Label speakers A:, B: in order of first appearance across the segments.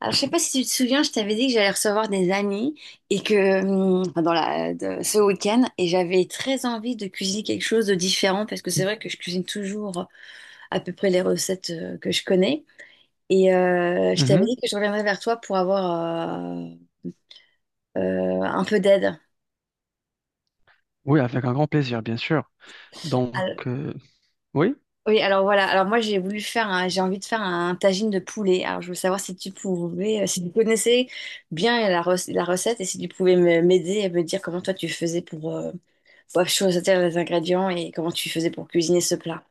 A: Alors, je sais pas si tu te souviens, je t'avais dit que j'allais recevoir des amis et que dans ce week-end et j'avais très envie de cuisiner quelque chose de différent parce que c'est vrai que je cuisine toujours à peu près les recettes que je connais et je t'avais
B: Mhm.
A: dit que je reviendrais vers toi pour avoir un peu d'aide.
B: Oui, avec un grand plaisir, bien sûr. Donc,
A: Alors-
B: oui,
A: oui, alors voilà. Alors moi j'ai voulu j'ai envie de faire un tagine de poulet. Alors je veux savoir si tu pouvais, si tu connaissais bien la recette et si tu pouvais m'aider et me dire comment toi tu faisais pour je sauter les ingrédients et comment tu faisais pour cuisiner ce plat.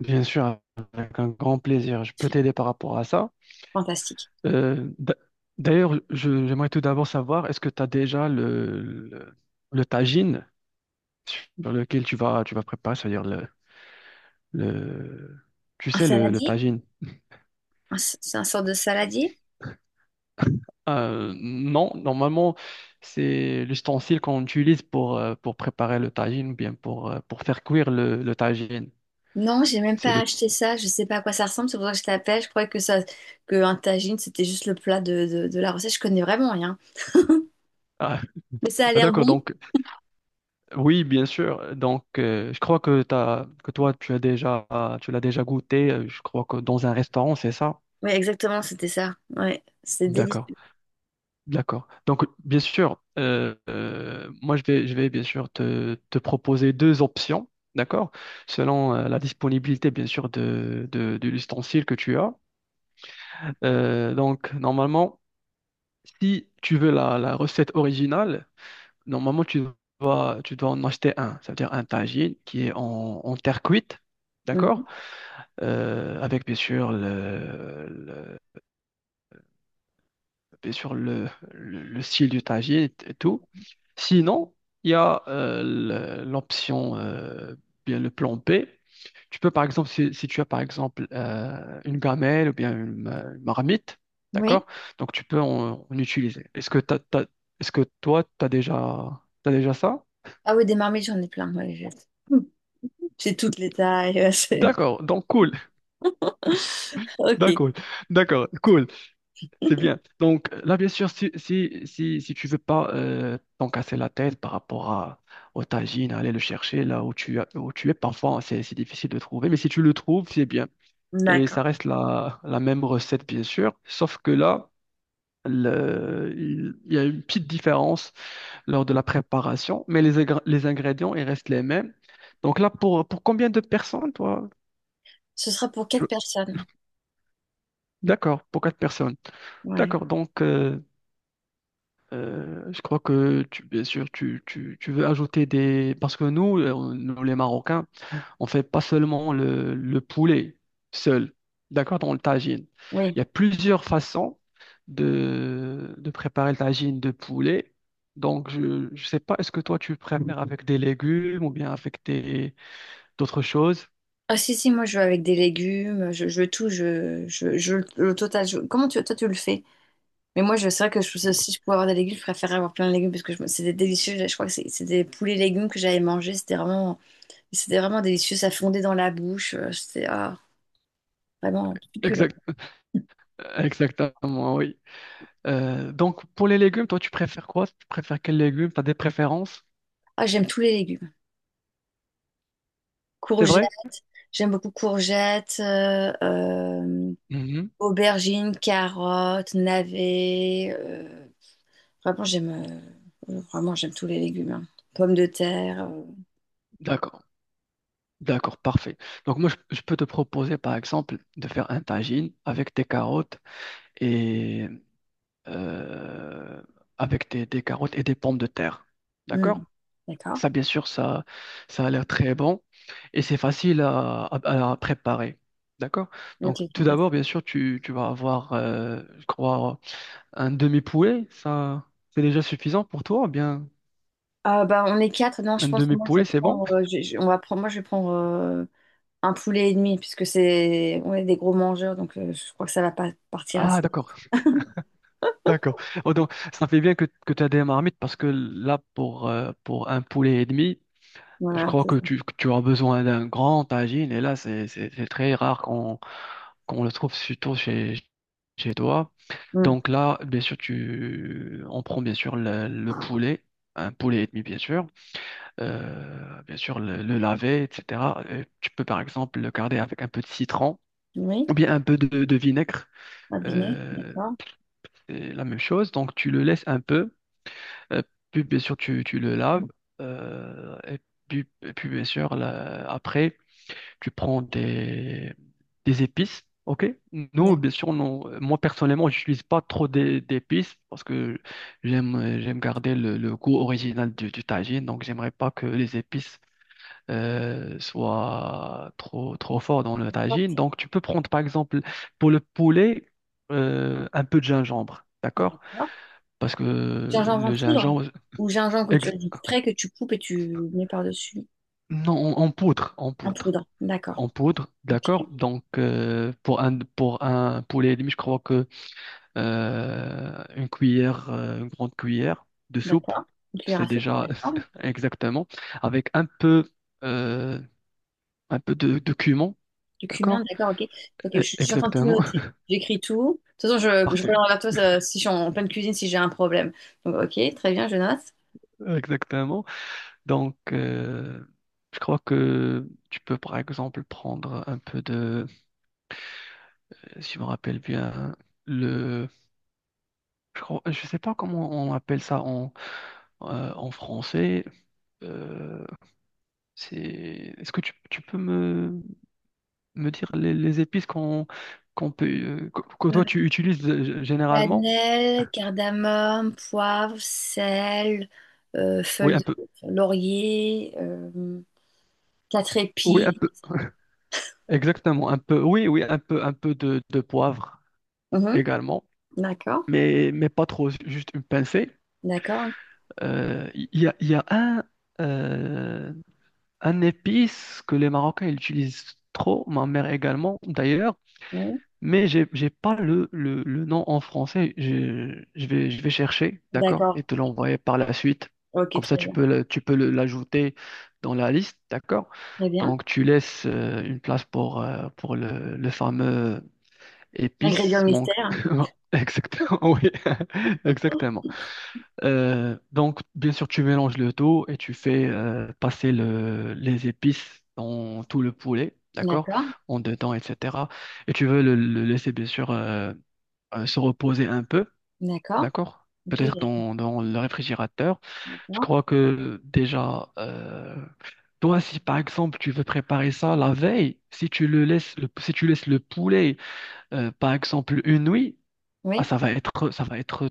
B: bien sûr, avec un grand plaisir. Je peux t'aider par rapport à ça.
A: Fantastique.
B: Euh, d'a- D'ailleurs, j'aimerais tout d'abord savoir, est-ce que tu as déjà le, le tagine sur lequel tu vas préparer, c'est-à-dire le, tu
A: Un
B: sais, le
A: saladier?
B: tagine?
A: C'est un sort de saladier?
B: Non, normalement, c'est l'ustensile qu'on utilise pour préparer le tagine, ou bien pour faire cuire le tagine.
A: Non, j'ai même
B: C'est
A: pas
B: le,
A: acheté ça. Je sais pas à quoi ça ressemble. C'est pour ça que je t'appelle. Je croyais que ça, que un tagine, c'était juste le plat de la recette. Je connais vraiment rien.
B: ah,
A: Mais ça a
B: ah,
A: l'air
B: d'accord,
A: bon.
B: donc. Oui, bien sûr. Donc, je crois que toi, tu as déjà, tu l'as déjà goûté. Je crois que dans un restaurant, c'est ça.
A: Oui, exactement, c'était ça. Ouais, c'est
B: D'accord,
A: délicieux.
B: d'accord. Donc, bien sûr, moi, je vais bien sûr te proposer deux options, d'accord, selon la disponibilité, bien sûr, de l'ustensile que tu as. Donc, normalement, si tu veux la recette originale, normalement, tu dois en acheter un. C'est à dire un tagine qui est en, en terre cuite,
A: Mhm.
B: d'accord? Avec bien sûr bien sûr le style du tagine et tout. Sinon, il y a l'option, bien le plan B. Tu peux, par exemple, si tu as, par exemple, une gamelle ou bien une marmite, d'accord?
A: Oui.
B: Donc, tu peux en utiliser. Est-ce que est-ce que toi, tu as déjà, t'as déjà ça?
A: Ah oui, des marmites, j'en ai plein, moi, les jette. Hmm. J'ai toutes les tailles. Ouais,
B: D'accord, donc cool,
A: Ok,
B: d'accord, d'accord, cool. C'est bien. Donc là, bien sûr, si tu veux pas t'en casser la tête par rapport à, au tagine, aller le chercher là où où tu es, parfois hein, c'est difficile de trouver, mais si tu le trouves, c'est bien. Et
A: d'accord.
B: ça reste la même recette, bien sûr, sauf que là, il y a une petite différence lors de la préparation, mais les ingrédients, ils restent les mêmes. Donc là, pour combien de personnes, toi?
A: Ce sera pour quatre
B: tu-
A: personnes.
B: D'accord, pour quatre personnes.
A: Ouais,
B: D'accord, donc je crois que tu, bien sûr, tu veux ajouter des... Parce que nous, nous, les Marocains, on fait pas seulement le poulet seul, d'accord, dans le tagine.
A: oui.
B: Il y a plusieurs façons de préparer le tagine de poulet. Donc, je sais pas, est-ce que toi, tu préfères avec des légumes ou bien avec des, d'autres choses?
A: Ah si, si, moi je veux avec des légumes, je veux tout, le total. Comment tu, toi tu le fais? Mais c'est vrai que je pense si je pouvais avoir des légumes, je préférerais avoir plein de légumes parce que c'était délicieux. Je crois que c'était des poulets légumes que j'avais mangé. C'était vraiment délicieux. Ça fondait dans la bouche. C'était vraiment succulent.
B: Exact, exactement, oui. Donc, pour les légumes, toi, tu préfères quoi? Tu préfères quels légumes? Tu as des préférences?
A: Ah, j'aime tous les légumes.
B: C'est vrai?
A: J'aime beaucoup courgettes,
B: Mhm.
A: aubergines, carottes, navets. Vraiment, j'aime vraiment, j'aime tous les légumes, hein. Pommes de terre.
B: D'accord. D'accord, parfait. Donc moi, je peux te proposer, par exemple, de faire un tagine avec des carottes et euh, avec des carottes et des pommes de terre.
A: euh, hmm.
B: D'accord?
A: D'accord.
B: Ça, bien sûr, ça a l'air très bon et c'est facile à préparer. D'accord?
A: Ok,
B: Donc tout
A: fantastique.
B: d'abord, bien sûr, tu vas avoir, je crois, un demi-poulet. Ça, c'est déjà suffisant pour toi? Ou bien,
A: Ah, bah, on est 4. Non, je
B: un
A: pense que moi, je
B: demi-poulet,
A: vais
B: c'est bon?
A: prendre, on va prendre, moi, je vais prendre un poulet et demi, puisque c'est, on est des gros mangeurs, donc je crois que ça va pas partir
B: Ah,
A: assez vite.
B: d'accord. D'accord. Oh, donc, ça fait bien que tu as des marmites parce que là, pour un poulet et demi, je
A: Voilà,
B: crois
A: c'est
B: que
A: ça.
B: tu as besoin d'un grand tagine. Et là, c'est très rare qu'on qu'on le trouve surtout chez, chez toi.
A: Hmm.
B: Donc là, bien sûr, tu, on prend bien sûr le poulet, un poulet et demi, bien sûr. Bien sûr, le laver, etc. Tu peux par exemple le garder avec un peu de citron
A: Oui,
B: ou bien un peu de vinaigre.
A: un dîner,
B: Euh,
A: d'accord.
B: c'est la même chose. Donc, tu le laisses un peu. Euh, puis bien sûr tu le laves et puis, bien sûr là, après tu prends des épices. Ok? Non, bien sûr, non. Moi, personnellement, j'utilise pas trop d'épices parce que j'aime garder le goût original du tagine. Donc, j'aimerais pas que les épices soient trop, trop forts dans le
A: D'accord.
B: tagine. Donc, tu peux prendre, par exemple, pour le poulet, un peu de gingembre. D'accord?
A: D'accord.
B: Parce que
A: Gingembre en
B: le
A: poudre?
B: gingembre,
A: Ou gingembre que tu
B: Ex-
A: as frais que tu coupes et tu mets par-dessus?
B: non, en, en poudre, en
A: En
B: poudre,
A: poudre, d'accord.
B: en poudre,
A: Ok,
B: d'accord. Donc pour un poulet et demi je crois que une grande cuillère de soupe,
A: d'accord. Une cuillère
B: c'est
A: à soupe,
B: déjà
A: d'accord.
B: exactement avec euh, un peu de cumin,
A: Du cumin,
B: d'accord.
A: d'accord, ok. Ok, je suis en train de tout
B: Exactement,
A: noter. J'écris tout. De toute façon, je
B: parfait,
A: reviens vers toi ça, si je suis en pleine cuisine, si j'ai un problème. Donc, ok, très bien, je note.
B: exactement. Donc je crois que tu peux par exemple prendre un peu de, si je me rappelle bien, le je crois- je sais pas comment on appelle ça en, en français. Euh, c'est, est-ce que tu peux me dire les épices qu'on qu'on peut que
A: Euh,
B: toi tu utilises généralement?
A: Cannelle, cardamome, poivre, sel,
B: Oui, un
A: feuille
B: peu.
A: de laurier, quatre
B: Oui,
A: épis.
B: un peu. Exactement, un peu. Oui, oui, un peu de poivre
A: Mhm.
B: également,
A: D'accord,
B: mais pas trop, juste une pincée.
A: d'accord.
B: Il y a euh, un épice que les Marocains ils utilisent trop, ma mère également d'ailleurs.
A: Oui.
B: Mais j'ai pas le nom en français. Je vais chercher, d'accord?
A: D'accord.
B: Et te l'envoyer par la suite.
A: Ok,
B: Comme ça,
A: très bien.
B: tu peux l'ajouter dans la liste, d'accord?
A: Très bien.
B: Donc, tu laisses une place pour le fameux
A: Ingrédient
B: épice manque.
A: mystère.
B: Exactement, oui. Exactement. Donc, bien sûr, tu mélanges le tout et tu fais passer les épices dans tout le poulet, d'accord?
A: D'accord.
B: En dedans, etc. Et tu veux le laisser, bien sûr, se reposer un peu,
A: D'accord.
B: d'accord?
A: Ok,
B: Peut-être dans le réfrigérateur. Je
A: d'accord.
B: crois que déjà, toi, si par exemple tu veux préparer ça la veille, si tu le laisses, le- si tu laisses le poulet, par exemple, une nuit, ah,
A: Oui.
B: ça va être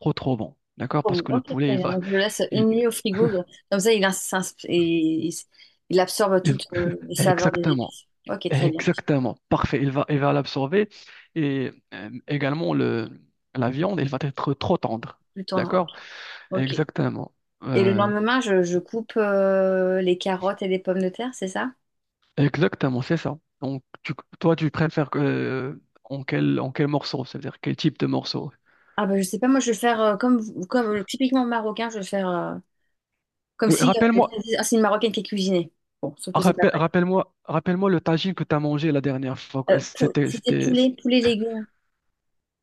B: trop, trop bon, d'accord? Parce
A: Bon.
B: que le
A: Ok,
B: poulet,
A: très
B: il
A: bien.
B: va.
A: Donc, je le laisse une
B: il-
A: nuit au frigo. Comme ça, il, ins- s'ins- et il, s- il absorbe toutes les saveurs des
B: Exactement,
A: épices. Ok, très bien. Tout
B: exactement, parfait. Il va l'absorber et également la viande, elle va être trop tendre.
A: le temps. Ok.
B: D'accord?
A: Ok.
B: Exactement,
A: Et le
B: Euh,
A: lendemain, je coupe les carottes et les pommes de terre, c'est ça?
B: exactement, c'est ça. Donc, toi, tu préfères que, en quel morceau? C'est-à-dire quel type de morceau?
A: Ah, bah, je sais pas. Moi, je vais le faire comme typiquement marocain. Je vais le faire comme
B: Oui,
A: si les gens
B: rappelle-moi,
A: disaient, ah, c'est une marocaine qui est cuisinée. Bon, sauf que c'est pas vrai.
B: rappelle-moi le tagine que tu as mangé la dernière fois. C'était,
A: C'était
B: c'était,
A: poulet, poulet légumes.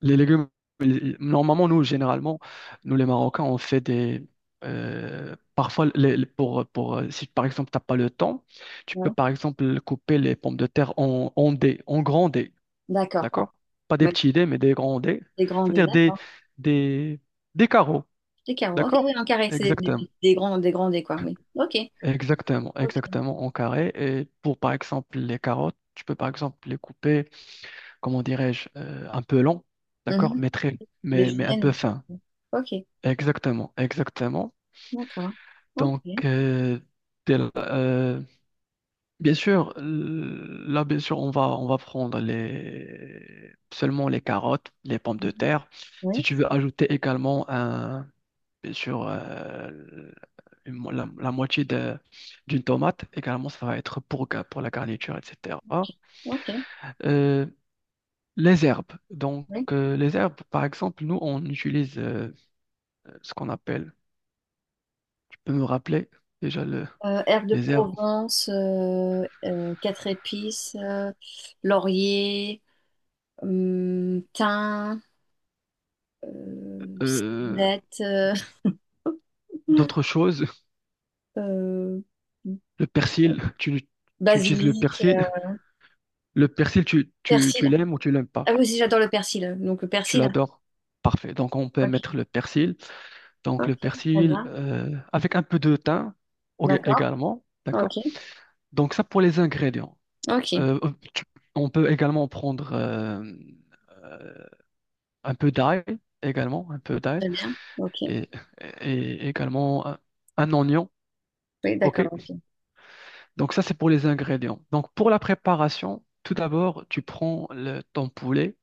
B: les légumes, normalement, nous, généralement, nous, les Marocains, on fait des... parfois, pour, si par exemple, tu n'as pas le temps, tu peux,
A: Ouais.
B: par exemple, couper les pommes de terre en dés, en grands dés,
A: D'accord. Oh.
B: d'accord? Pas des petits dés, mais des grands dés.
A: Des grands dés,
B: C'est-à-dire
A: d'accord.
B: des, des carreaux,
A: Des carreaux. Ok, oui,
B: d'accord?
A: en carré, c'est
B: Exactement.
A: des grands, des grandés, quoi, oui. Ok.
B: Exactement,
A: Ok.
B: exactement, en carré. Et pour, par exemple, les carottes, tu peux, par exemple, les couper, comment dirais-je, un peu long, d'accord?
A: Mhm.
B: Mais très,
A: Des
B: mais un peu
A: juliennes.
B: fin.
A: Ok,
B: Exactement, exactement.
A: d'accord. Ok.
B: Donc, dès la- euh, bien sûr, là, bien sûr, on va prendre les, seulement les carottes, les pommes de
A: Mhm.
B: terre.
A: Oui.
B: Si tu veux ajouter également, un, bien sûr, la, la moitié d'une tomate, également, ça va être pour, pour la garniture, etc.
A: Ok. Ok.
B: Euh, les herbes. Donc,
A: Oui.
B: les herbes, par exemple, nous, on utilise ce qu'on appelle, tu peux me rappeler déjà le,
A: Herbes de
B: les herbes?
A: Provence, quatre épices, laurier, thym,
B: euh,
A: ciboulette,
B: D'autres choses.
A: euh,
B: Le persil, tu utilises le
A: basilic,
B: persil. Le persil,
A: persil.
B: tu l'aimes ou tu l'aimes
A: Ah
B: pas.
A: oui, aussi, j'adore le persil. Donc, le
B: Tu
A: persil.
B: l'adores. Parfait. Donc, on peut
A: Ok.
B: mettre le persil. Donc, le
A: Ok, très
B: persil
A: bien.
B: avec un peu de thym
A: D'accord.
B: également. D'accord?
A: Ok,
B: Donc, ça pour les ingrédients.
A: ok,
B: Euh, euh, tu- on peut également prendre euh, un peu d'ail également, un peu d'ail
A: très bien. Ok,
B: et, et également un oignon.
A: oui,
B: OK?
A: d'accord, ok.
B: Donc ça, c'est pour les ingrédients. Donc pour la préparation, tout d'abord, tu prends ton poulet,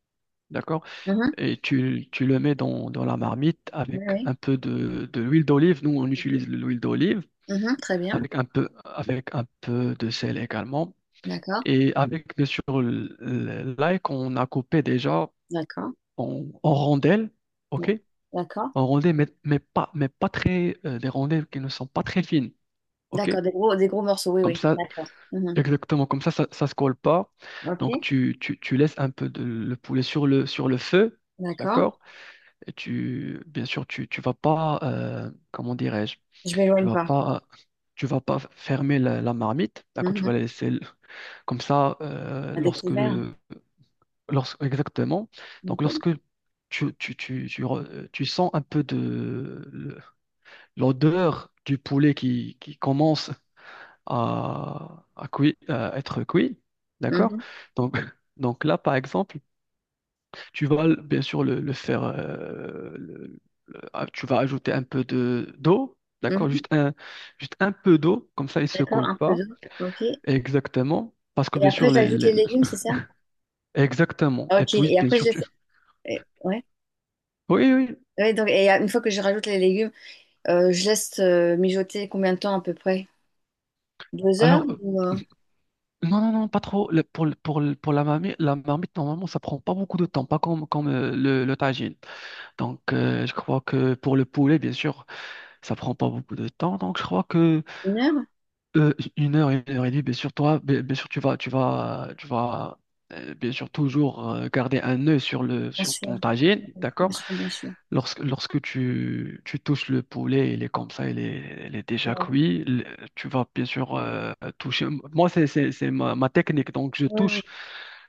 B: d'accord?
A: Mhm.
B: Et tu le mets dans la marmite
A: Oui,
B: avec
A: oui,
B: un peu de l'huile d'olive. Nous,
A: un
B: on utilise
A: produit.
B: l'huile d'olive
A: Mhm, très bien,
B: avec un peu de sel également.
A: d'accord,
B: Et avec, bien sûr, l'ail qu'on a coupé déjà
A: d'accord,
B: en, en rondelles, OK?
A: d'ac- d'accord,
B: En rondelles, mais pas très, des rondelles qui ne sont pas très fines, OK?
A: d'accord, des gros morceaux, oui,
B: Comme
A: oui,
B: ça,
A: d'accord. Mhm.
B: exactement, comme ça se colle pas.
A: Ok,
B: Donc, tu laisses un peu de, le poulet sur le feu,
A: d'accord,
B: d'accord? Et tu, bien sûr, tu vas pas, comment dirais-je,
A: je
B: tu
A: m'éloigne
B: vas
A: pas.
B: pas, tu vas pas fermer la marmite, d'accord? Tu
A: Mhm.
B: vas la laisser comme ça,
A: À découvert,
B: lorsque, exactement. Donc,
A: ok.
B: lorsque tu sens un peu de l'odeur du poulet qui commence à, à être cuit, d'accord?
A: Mhm,
B: Donc, donc là, par exemple, bien sûr le faire, ah, tu vas ajouter un peu de d'eau, d'accord?
A: mhm.
B: Juste un peu d'eau, comme ça il se
A: D'accord,
B: colle
A: un peu
B: pas
A: d'eau, ok.
B: exactement, parce que
A: Et
B: bien
A: après,
B: sûr
A: j'ajoute les
B: les-
A: légumes, c'est ça?
B: exactement. Et
A: Ok,
B: puis
A: et
B: bien
A: après, je
B: sûr tu,
A: laisse. Ouais.
B: oui oui.
A: Ouais, donc, et une fois que je rajoute les légumes, je laisse mijoter combien de temps à peu près? 2 heures
B: Alors
A: ou
B: non non non pas trop. Pour la marmite normalement ça prend pas beaucoup de temps, pas comme comme le tagine. Donc je crois que pour le poulet bien sûr. Ça prend pas beaucoup de temps, donc je crois que
A: 1 heure?
B: une heure et demie, bien sûr, toi, bien, bien sûr, tu vas, bien sûr, toujours garder un œil sur le,
A: Bien
B: sur
A: sûr.
B: ton tagine,
A: Bien
B: d'accord?
A: sûr, bien sûr.
B: Lorsque, lorsque tu touches le poulet, il est comme ça, il est déjà
A: Ouais.
B: cuit. Tu vas bien sûr toucher. Moi, c'est ma, ma technique, donc je
A: Oui, oui,
B: touche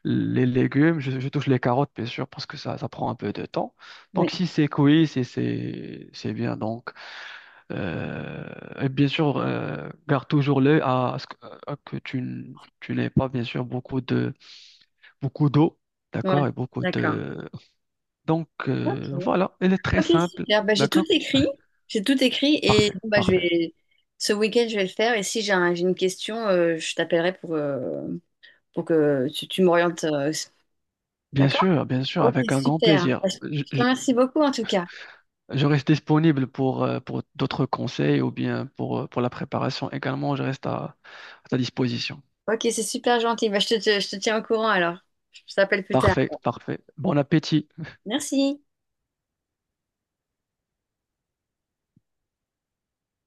B: les légumes, je touche les carottes, bien sûr, parce que ça prend un peu de temps. Donc
A: oui.
B: si c'est cuit, si c'est, c'est bien, donc. Euh, et bien sûr, garde toujours l'œil à ce que, à que tu, tu n'aies pas, bien sûr, beaucoup de, beaucoup d'eau,
A: Ouais,
B: d'accord, et beaucoup
A: d'accord.
B: de... Donc,
A: Ok.
B: voilà, elle est très
A: Ok,
B: simple,
A: super. Bah, j'ai tout
B: d'accord?
A: écrit. J'ai tout écrit et
B: Parfait,
A: bon, bah, je
B: parfait.
A: vais... ce week-end, je vais le faire. Et si j'ai j'ai une question, je t'appellerai pour que tu m'orientes. D'accord?
B: Bien sûr,
A: Ok,
B: avec un grand
A: super.
B: plaisir.
A: Bah, je te remercie beaucoup en tout cas.
B: Je reste disponible pour d'autres conseils ou bien pour la préparation également, je reste à ta disposition.
A: Ok, c'est super gentil. Bah, je te tiens au courant alors. Je t'appelle plus tard.
B: Parfait, parfait. Bon appétit.
A: Merci.